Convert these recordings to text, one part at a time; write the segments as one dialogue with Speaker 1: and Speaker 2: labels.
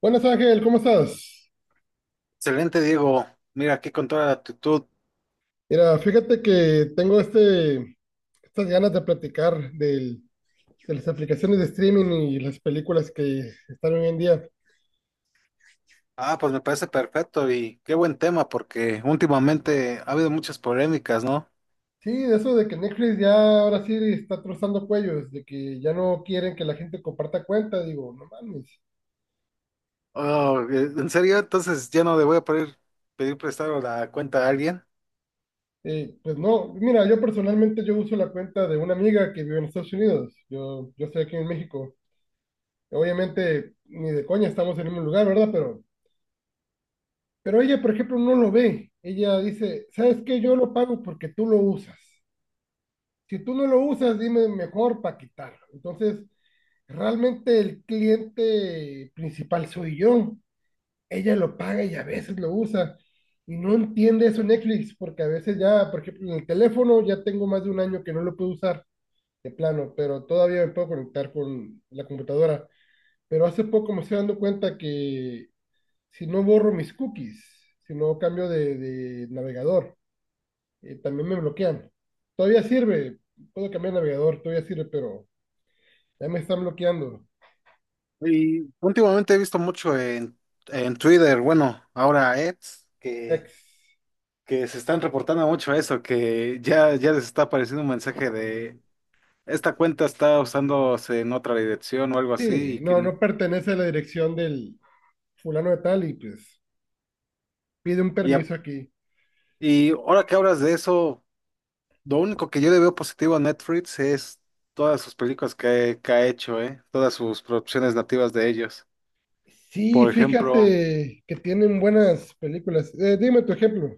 Speaker 1: Buenas Ángel, ¿cómo estás?
Speaker 2: Excelente, Diego. Mira, aquí con toda la actitud.
Speaker 1: Mira, fíjate que tengo estas ganas de platicar de las aplicaciones de streaming y las películas que están hoy en día.
Speaker 2: Ah, pues me parece perfecto y qué buen tema porque últimamente ha habido muchas polémicas, ¿no?
Speaker 1: Sí, de eso de que Netflix ya ahora sí está trozando cuellos, de que ya no quieren que la gente comparta cuenta, digo, no mames.
Speaker 2: Oh, ¿en serio? Entonces ya no le voy a poder pedir prestado la cuenta a alguien.
Speaker 1: Pues no, mira, yo personalmente yo uso la cuenta de una amiga que vive en Estados Unidos, yo estoy aquí en México. Obviamente, ni de coña estamos en el mismo lugar, ¿verdad? Pero ella, por ejemplo, no lo ve. Ella dice, ¿sabes qué? Yo lo pago porque tú lo usas. Si tú no lo usas, dime mejor para quitarlo. Entonces, realmente el cliente principal soy yo. Ella lo paga y a veces lo usa. Y no entiende eso Netflix, porque a veces ya, por ejemplo, en el teléfono ya tengo más de un año que no lo puedo usar de plano, pero todavía me puedo conectar con la computadora. Pero hace poco me estoy dando cuenta que si no borro mis cookies, si no cambio de navegador, también me bloquean. Todavía sirve, puedo cambiar de navegador, todavía sirve, pero ya me están bloqueando.
Speaker 2: Y últimamente he visto mucho en Twitter, bueno, ahora X,
Speaker 1: Ex.
Speaker 2: que se están reportando mucho eso, ya les está apareciendo un mensaje de esta cuenta está usándose en otra dirección o algo así
Speaker 1: Sí,
Speaker 2: y que...
Speaker 1: no pertenece a la dirección del fulano de tal y pues pide un
Speaker 2: Y, a-
Speaker 1: permiso aquí.
Speaker 2: y ahora que hablas de eso... Lo único que yo le veo positivo a Netflix es todas sus películas que ha hecho, ¿eh? Todas sus producciones nativas de ellos.
Speaker 1: Sí,
Speaker 2: Por ejemplo,
Speaker 1: fíjate que tienen buenas películas. Dime tu ejemplo.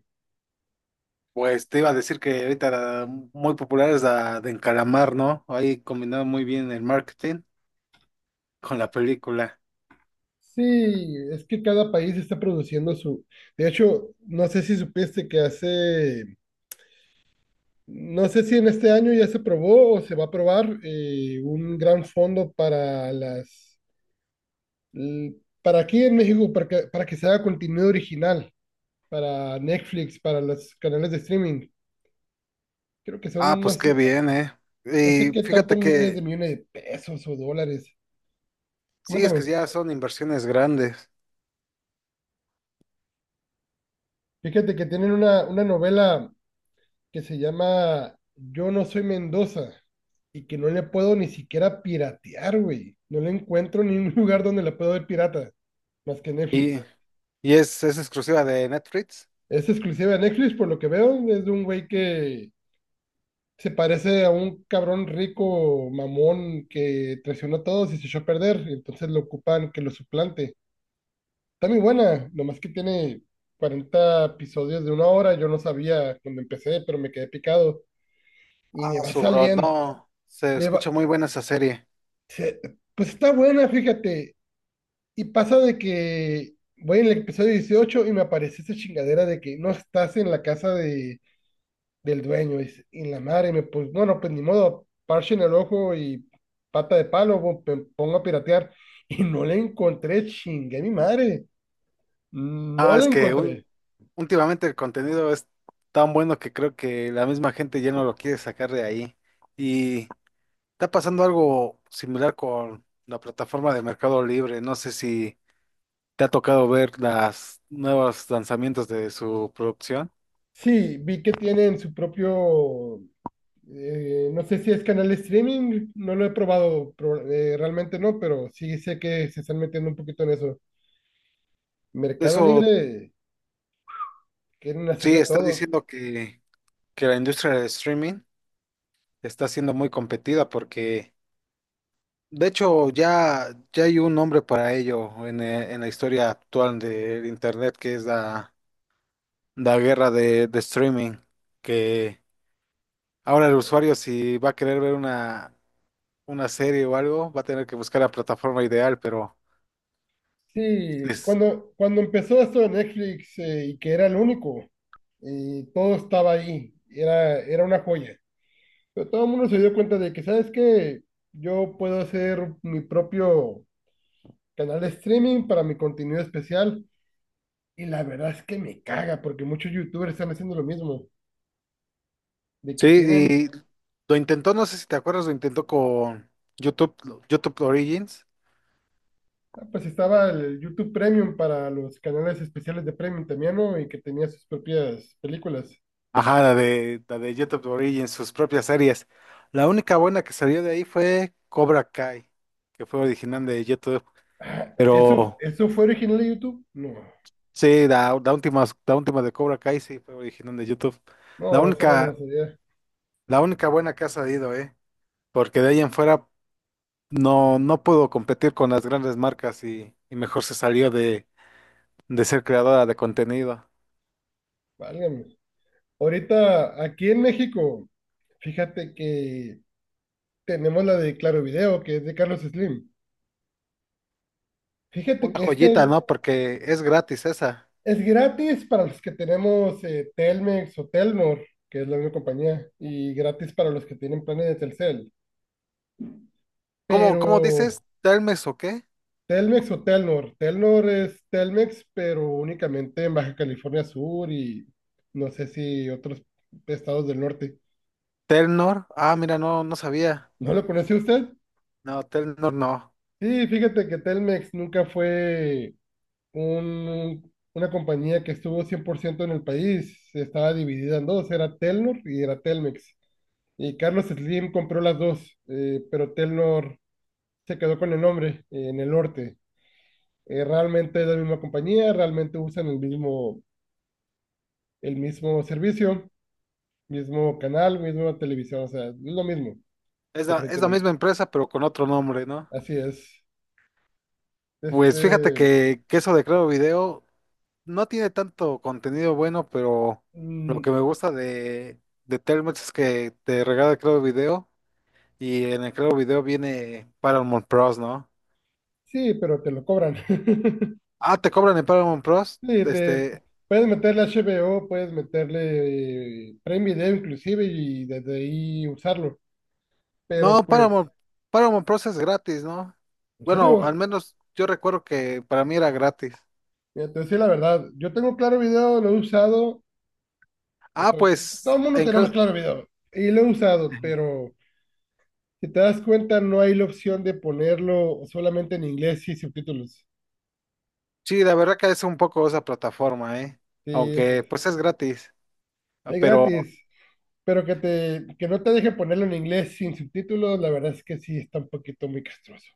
Speaker 2: pues te iba a decir que ahorita la muy popular es la de Encalamar, ¿no? Ahí combinado muy bien el marketing con la película.
Speaker 1: Sí, es que cada país está produciendo su. De hecho, no sé si supiste que hace. No sé si en este año ya se probó o se va a probar un gran fondo para l- para aquí en México, para que se haga contenido original, para Netflix, para los canales de streaming. Creo que
Speaker 2: Ah,
Speaker 1: son, no
Speaker 2: pues qué
Speaker 1: sé,
Speaker 2: bien, ¿eh?
Speaker 1: no sé
Speaker 2: Y
Speaker 1: qué
Speaker 2: fíjate
Speaker 1: tantos miles de
Speaker 2: que
Speaker 1: millones de pesos o dólares.
Speaker 2: sí, es que
Speaker 1: Cuéntame,
Speaker 2: ya son inversiones grandes.
Speaker 1: fíjate que tienen una novela que se llama Yo no soy Mendoza y que no le puedo ni siquiera piratear, güey. No le encuentro ningún lugar donde la puedo ver pirata, más que
Speaker 2: Y,
Speaker 1: Netflix.
Speaker 2: y es exclusiva de Netflix.
Speaker 1: Es exclusiva de Netflix, por lo que veo. Es de un güey que se parece a un cabrón rico, mamón, que traicionó a todos y se echó a perder. Entonces lo ocupan que lo suplante. Está muy buena, nomás que tiene 40 episodios de una hora. Yo no sabía cuando empecé, pero me quedé picado. Y me
Speaker 2: Ah,
Speaker 1: va
Speaker 2: su bro,
Speaker 1: saliendo.
Speaker 2: no, se escucha muy buena esa serie.
Speaker 1: Se- Pues está buena, fíjate. Y pasa de que voy en el episodio 18 y me aparece esa chingadera de que no estás en la casa de, del dueño. Dice, y la madre, me, pues bueno, pues ni modo, parche en el ojo y pata de palo, me pongo a piratear. Y no la encontré, chingue mi madre. No
Speaker 2: Ah,
Speaker 1: la
Speaker 2: es que
Speaker 1: encontré.
Speaker 2: últimamente el contenido es tan bueno que creo que la misma gente ya no lo quiere sacar de ahí. Y está pasando algo similar con la plataforma de Mercado Libre. No sé si te ha tocado ver las nuevos lanzamientos de su producción.
Speaker 1: Sí, vi que tienen su propio, no sé si es canal de streaming, no lo he probado, realmente no, pero sí sé que se están metiendo un poquito en eso. Mercado
Speaker 2: Eso
Speaker 1: Libre, quieren hacer
Speaker 2: sí,
Speaker 1: de
Speaker 2: está
Speaker 1: todo.
Speaker 2: diciendo que la industria del streaming está siendo muy competida porque, de hecho, ya hay un nombre para ello en la historia actual del Internet que es la... La guerra de streaming, que ahora el usuario si va a querer ver una serie o algo, va a tener que buscar la plataforma ideal, pero
Speaker 1: Sí,
Speaker 2: es-
Speaker 1: cuando empezó esto de Netflix y que era el único, y todo estaba ahí, era una joya. Pero todo el mundo se dio cuenta de que, ¿sabes qué? Yo puedo hacer mi propio canal de streaming para mi contenido especial. Y la verdad es que me caga, porque muchos youtubers están haciendo lo mismo, de
Speaker 2: sí,
Speaker 1: que tienen,
Speaker 2: y lo intentó, no sé si te acuerdas, lo intentó con YouTube, YouTube Origins.
Speaker 1: ah, pues estaba el YouTube Premium para los canales especiales de Premium también, ¿no? Y que tenía sus propias películas.
Speaker 2: Ajá, la de YouTube Origins, sus propias series. La única buena que salió de ahí fue Cobra Kai, que fue original de YouTube. Pero
Speaker 1: Eso fue original de YouTube? No,
Speaker 2: sí, la última de Cobra Kai sí fue original de YouTube. La
Speaker 1: no, esa no me la
Speaker 2: única,
Speaker 1: sabía.
Speaker 2: La única buena que ha salido, ¿eh? Porque de ahí en fuera no pudo competir con las grandes marcas y mejor se salió de ser creadora de contenido.
Speaker 1: Válgame. Ahorita, aquí en México, fíjate que tenemos la de Claro Video, que es de Carlos Slim. Fíjate
Speaker 2: Una
Speaker 1: que este
Speaker 2: joyita, ¿no? Porque es gratis esa.
Speaker 1: es gratis para los que tenemos Telmex o Telnor, que es la misma compañía, y gratis para los que tienen planes de Telcel.
Speaker 2: Cómo
Speaker 1: Pero
Speaker 2: dices? ¿Telmes o qué?
Speaker 1: Telmex o Telnor, Telnor es Telmex, pero únicamente en Baja California Sur y no sé si otros estados del norte.
Speaker 2: ¿Telnor? Ah, mira, no sabía.
Speaker 1: ¿No lo conoció usted?
Speaker 2: No, Telnor no.
Speaker 1: Sí, fíjate que Telmex nunca fue una compañía que estuvo 100% en el país. Estaba dividida en dos, era Telnor y era Telmex. Y Carlos Slim compró las dos, pero Telnor se quedó con el nombre en el norte. Realmente es la misma compañía, realmente usan el mismo servicio, mismo canal, misma televisión, o sea, es lo mismo,
Speaker 2: Es
Speaker 1: diferente
Speaker 2: la
Speaker 1: nombre.
Speaker 2: misma empresa, pero con otro nombre, ¿no?
Speaker 1: Así es.
Speaker 2: Pues fíjate
Speaker 1: Este,
Speaker 2: que eso de Creo Video no tiene tanto contenido bueno, pero lo
Speaker 1: mm,
Speaker 2: que me gusta de Telmex es que te regala Claro Video y en el Claro Video viene Paramount Plus, ¿no?
Speaker 1: Sí, pero te lo cobran.
Speaker 2: Ah, ¿te cobran en Paramount Plus?
Speaker 1: Sí,
Speaker 2: Este,
Speaker 1: puedes meterle HBO, puedes meterle Prime Video inclusive y desde ahí usarlo. Pero
Speaker 2: no,
Speaker 1: pues,
Speaker 2: Paramount Plus es gratis, ¿no?
Speaker 1: en
Speaker 2: Bueno, al
Speaker 1: serio,
Speaker 2: menos yo recuerdo que para mí era gratis.
Speaker 1: mira, te voy a decir la verdad, yo tengo Claro Video, lo he usado, o
Speaker 2: Ah,
Speaker 1: sea, todo
Speaker 2: pues,
Speaker 1: el mundo
Speaker 2: en,
Speaker 1: tenemos
Speaker 2: Cla-
Speaker 1: Claro Video y lo he usado, pero si te das cuenta no hay la opción de ponerlo solamente en inglés y subtítulos.
Speaker 2: sí, la verdad que es un poco esa plataforma, ¿eh?
Speaker 1: Sí,
Speaker 2: Aunque
Speaker 1: es,
Speaker 2: pues es gratis, ah,
Speaker 1: es
Speaker 2: pero
Speaker 1: gratis. Pero que te, que no te deje ponerlo en inglés sin subtítulos, la verdad es que sí está un poquito muy castroso.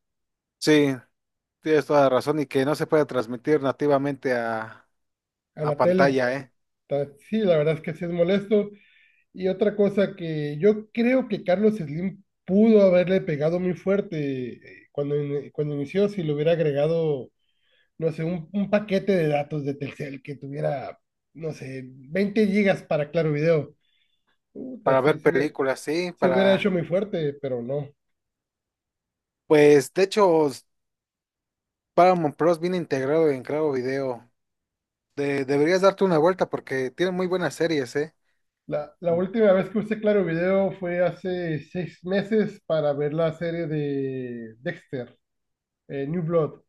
Speaker 2: sí. Tienes toda la razón y que no se puede transmitir nativamente
Speaker 1: A
Speaker 2: a
Speaker 1: la tele,
Speaker 2: pantalla, ¿eh?
Speaker 1: sí, la verdad es que sí es molesto. Y otra cosa que yo creo que Carlos Slim pudo haberle pegado muy fuerte cuando inició, si le hubiera agregado, no sé, un paquete de datos de Telcel que tuviera, no sé, 20 gigas para Claro Video. Puta,
Speaker 2: Para ver películas, sí,
Speaker 1: se hubiera hecho
Speaker 2: para...
Speaker 1: muy fuerte, pero no.
Speaker 2: Pues, de hecho, Paramount Plus viene integrado en Claro Video. Deberías darte una vuelta porque tiene muy buenas series, ¿eh?
Speaker 1: La última vez que usé Claro Video fue hace 6 meses para ver la serie de Dexter, New Blood.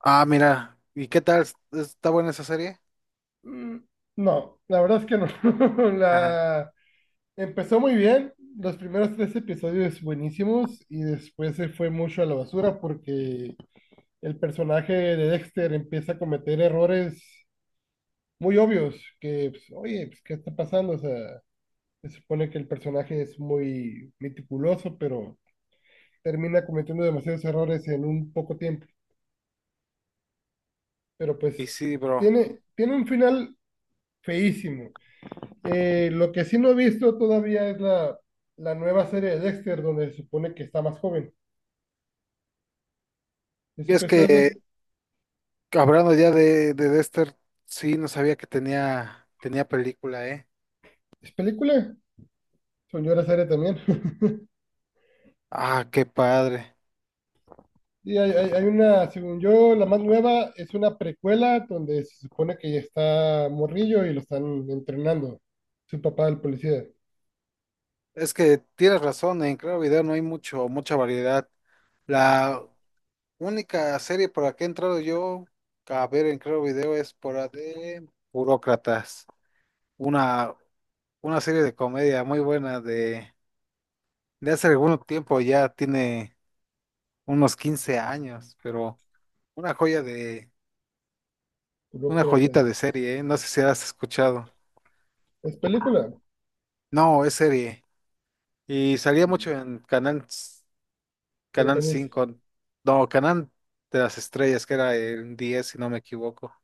Speaker 2: Ah, mira, ¿y qué tal? ¿Está buena esa serie?
Speaker 1: Mm, no, la verdad es que no.
Speaker 2: Ajá.
Speaker 1: La, Empezó muy bien, los primeros tres episodios buenísimos y después se fue mucho a la basura porque el personaje de Dexter empieza a cometer errores muy obvios que, pues, oye, pues, ¿qué está pasando? O sea, se supone que el personaje es muy meticuloso, pero termina cometiendo demasiados errores en un poco tiempo. Pero pues
Speaker 2: Y sí, bro.
Speaker 1: tiene un final feísimo. Lo que sí no he visto todavía es la nueva serie de Dexter, donde se supone que está más joven. ¿Y
Speaker 2: Y
Speaker 1: supe
Speaker 2: es
Speaker 1: esa?
Speaker 2: que, hablando ya de Dexter, sí, no sabía que tenía película, ¿eh?
Speaker 1: ¿Es película? Señora serie también.
Speaker 2: Ah, qué padre.
Speaker 1: Y hay una, según yo, la más nueva es una precuela donde se supone que ya está morrillo y lo están entrenando. Su papá, el policía,
Speaker 2: Es que tienes razón, en Claro Video no hay mucho, mucha variedad. La única serie por la que he entrado yo a ver en Claro Video es por la de Burócratas, una, una serie de comedia muy buena de hace algún tiempo, ya tiene unos 15 años, pero una joya de, una joyita
Speaker 1: burócratas.
Speaker 2: de serie, ¿eh? No sé si has escuchado.
Speaker 1: Es película.
Speaker 2: No, es serie. Y
Speaker 1: Y
Speaker 2: salía mucho en Canal
Speaker 1: del canal.
Speaker 2: 5, no, Canal de las Estrellas, que era el 10 si no me equivoco.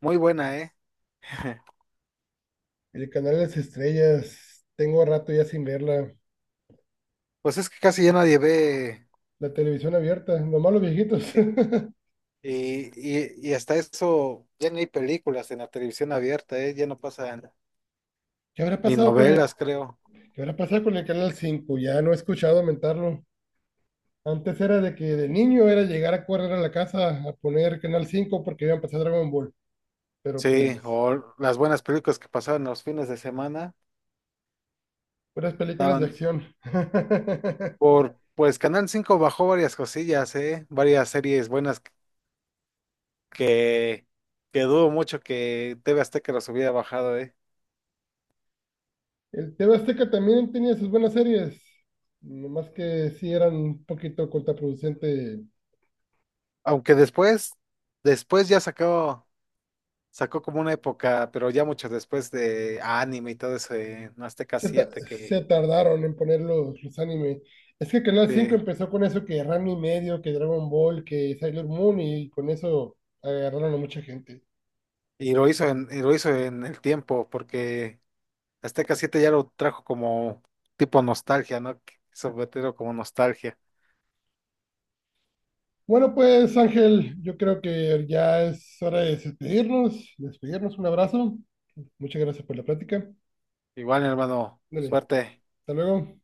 Speaker 2: Muy buena, ¿eh?
Speaker 1: El canal de Las Estrellas, tengo rato ya sin verla.
Speaker 2: Pues es que casi ya nadie ve,
Speaker 1: La televisión abierta, nomás los viejitos.
Speaker 2: eh, y, y hasta eso, ya ni hay películas en la televisión abierta, ¿eh? Ya no pasan
Speaker 1: ¿Qué habrá
Speaker 2: ni
Speaker 1: pasado con
Speaker 2: novelas, creo.
Speaker 1: qué habrá pasado con el canal cinco? Ya no he escuchado mentarlo. Antes era de que de niño era llegar a correr a la casa a poner canal cinco porque iban a pasar Dragon Ball. Pero
Speaker 2: Sí,
Speaker 1: pues,
Speaker 2: o las buenas películas que pasaban los fines de semana,
Speaker 1: puras películas de
Speaker 2: daban
Speaker 1: acción.
Speaker 2: por, pues Canal 5 bajó varias cosillas, ¿eh? Varias series buenas que, que dudo mucho que TV Azteca los hubiera bajado, ¿eh?
Speaker 1: El TV Azteca también tenía sus buenas series. Nomás que sí eran un poquito contraproducente
Speaker 2: Aunque después ya sacó como una época, pero ya mucho después de anime y todo eso en Azteca
Speaker 1: se, ta-
Speaker 2: 7 que
Speaker 1: se tardaron en poner los anime. Es que Canal cinco
Speaker 2: de-
Speaker 1: empezó con eso que Ranma y Medio, que Dragon Ball, que Sailor Moon y con eso agarraron a mucha gente.
Speaker 2: y lo hizo en el tiempo, porque Azteca 7 ya lo trajo como tipo nostalgia, ¿no? Sobre todo como nostalgia.
Speaker 1: Bueno, pues Ángel, yo creo que ya es hora de despedirnos. Despedirnos, un abrazo. Muchas gracias por la plática.
Speaker 2: Igual, hermano,
Speaker 1: Dale,
Speaker 2: suerte.
Speaker 1: hasta luego.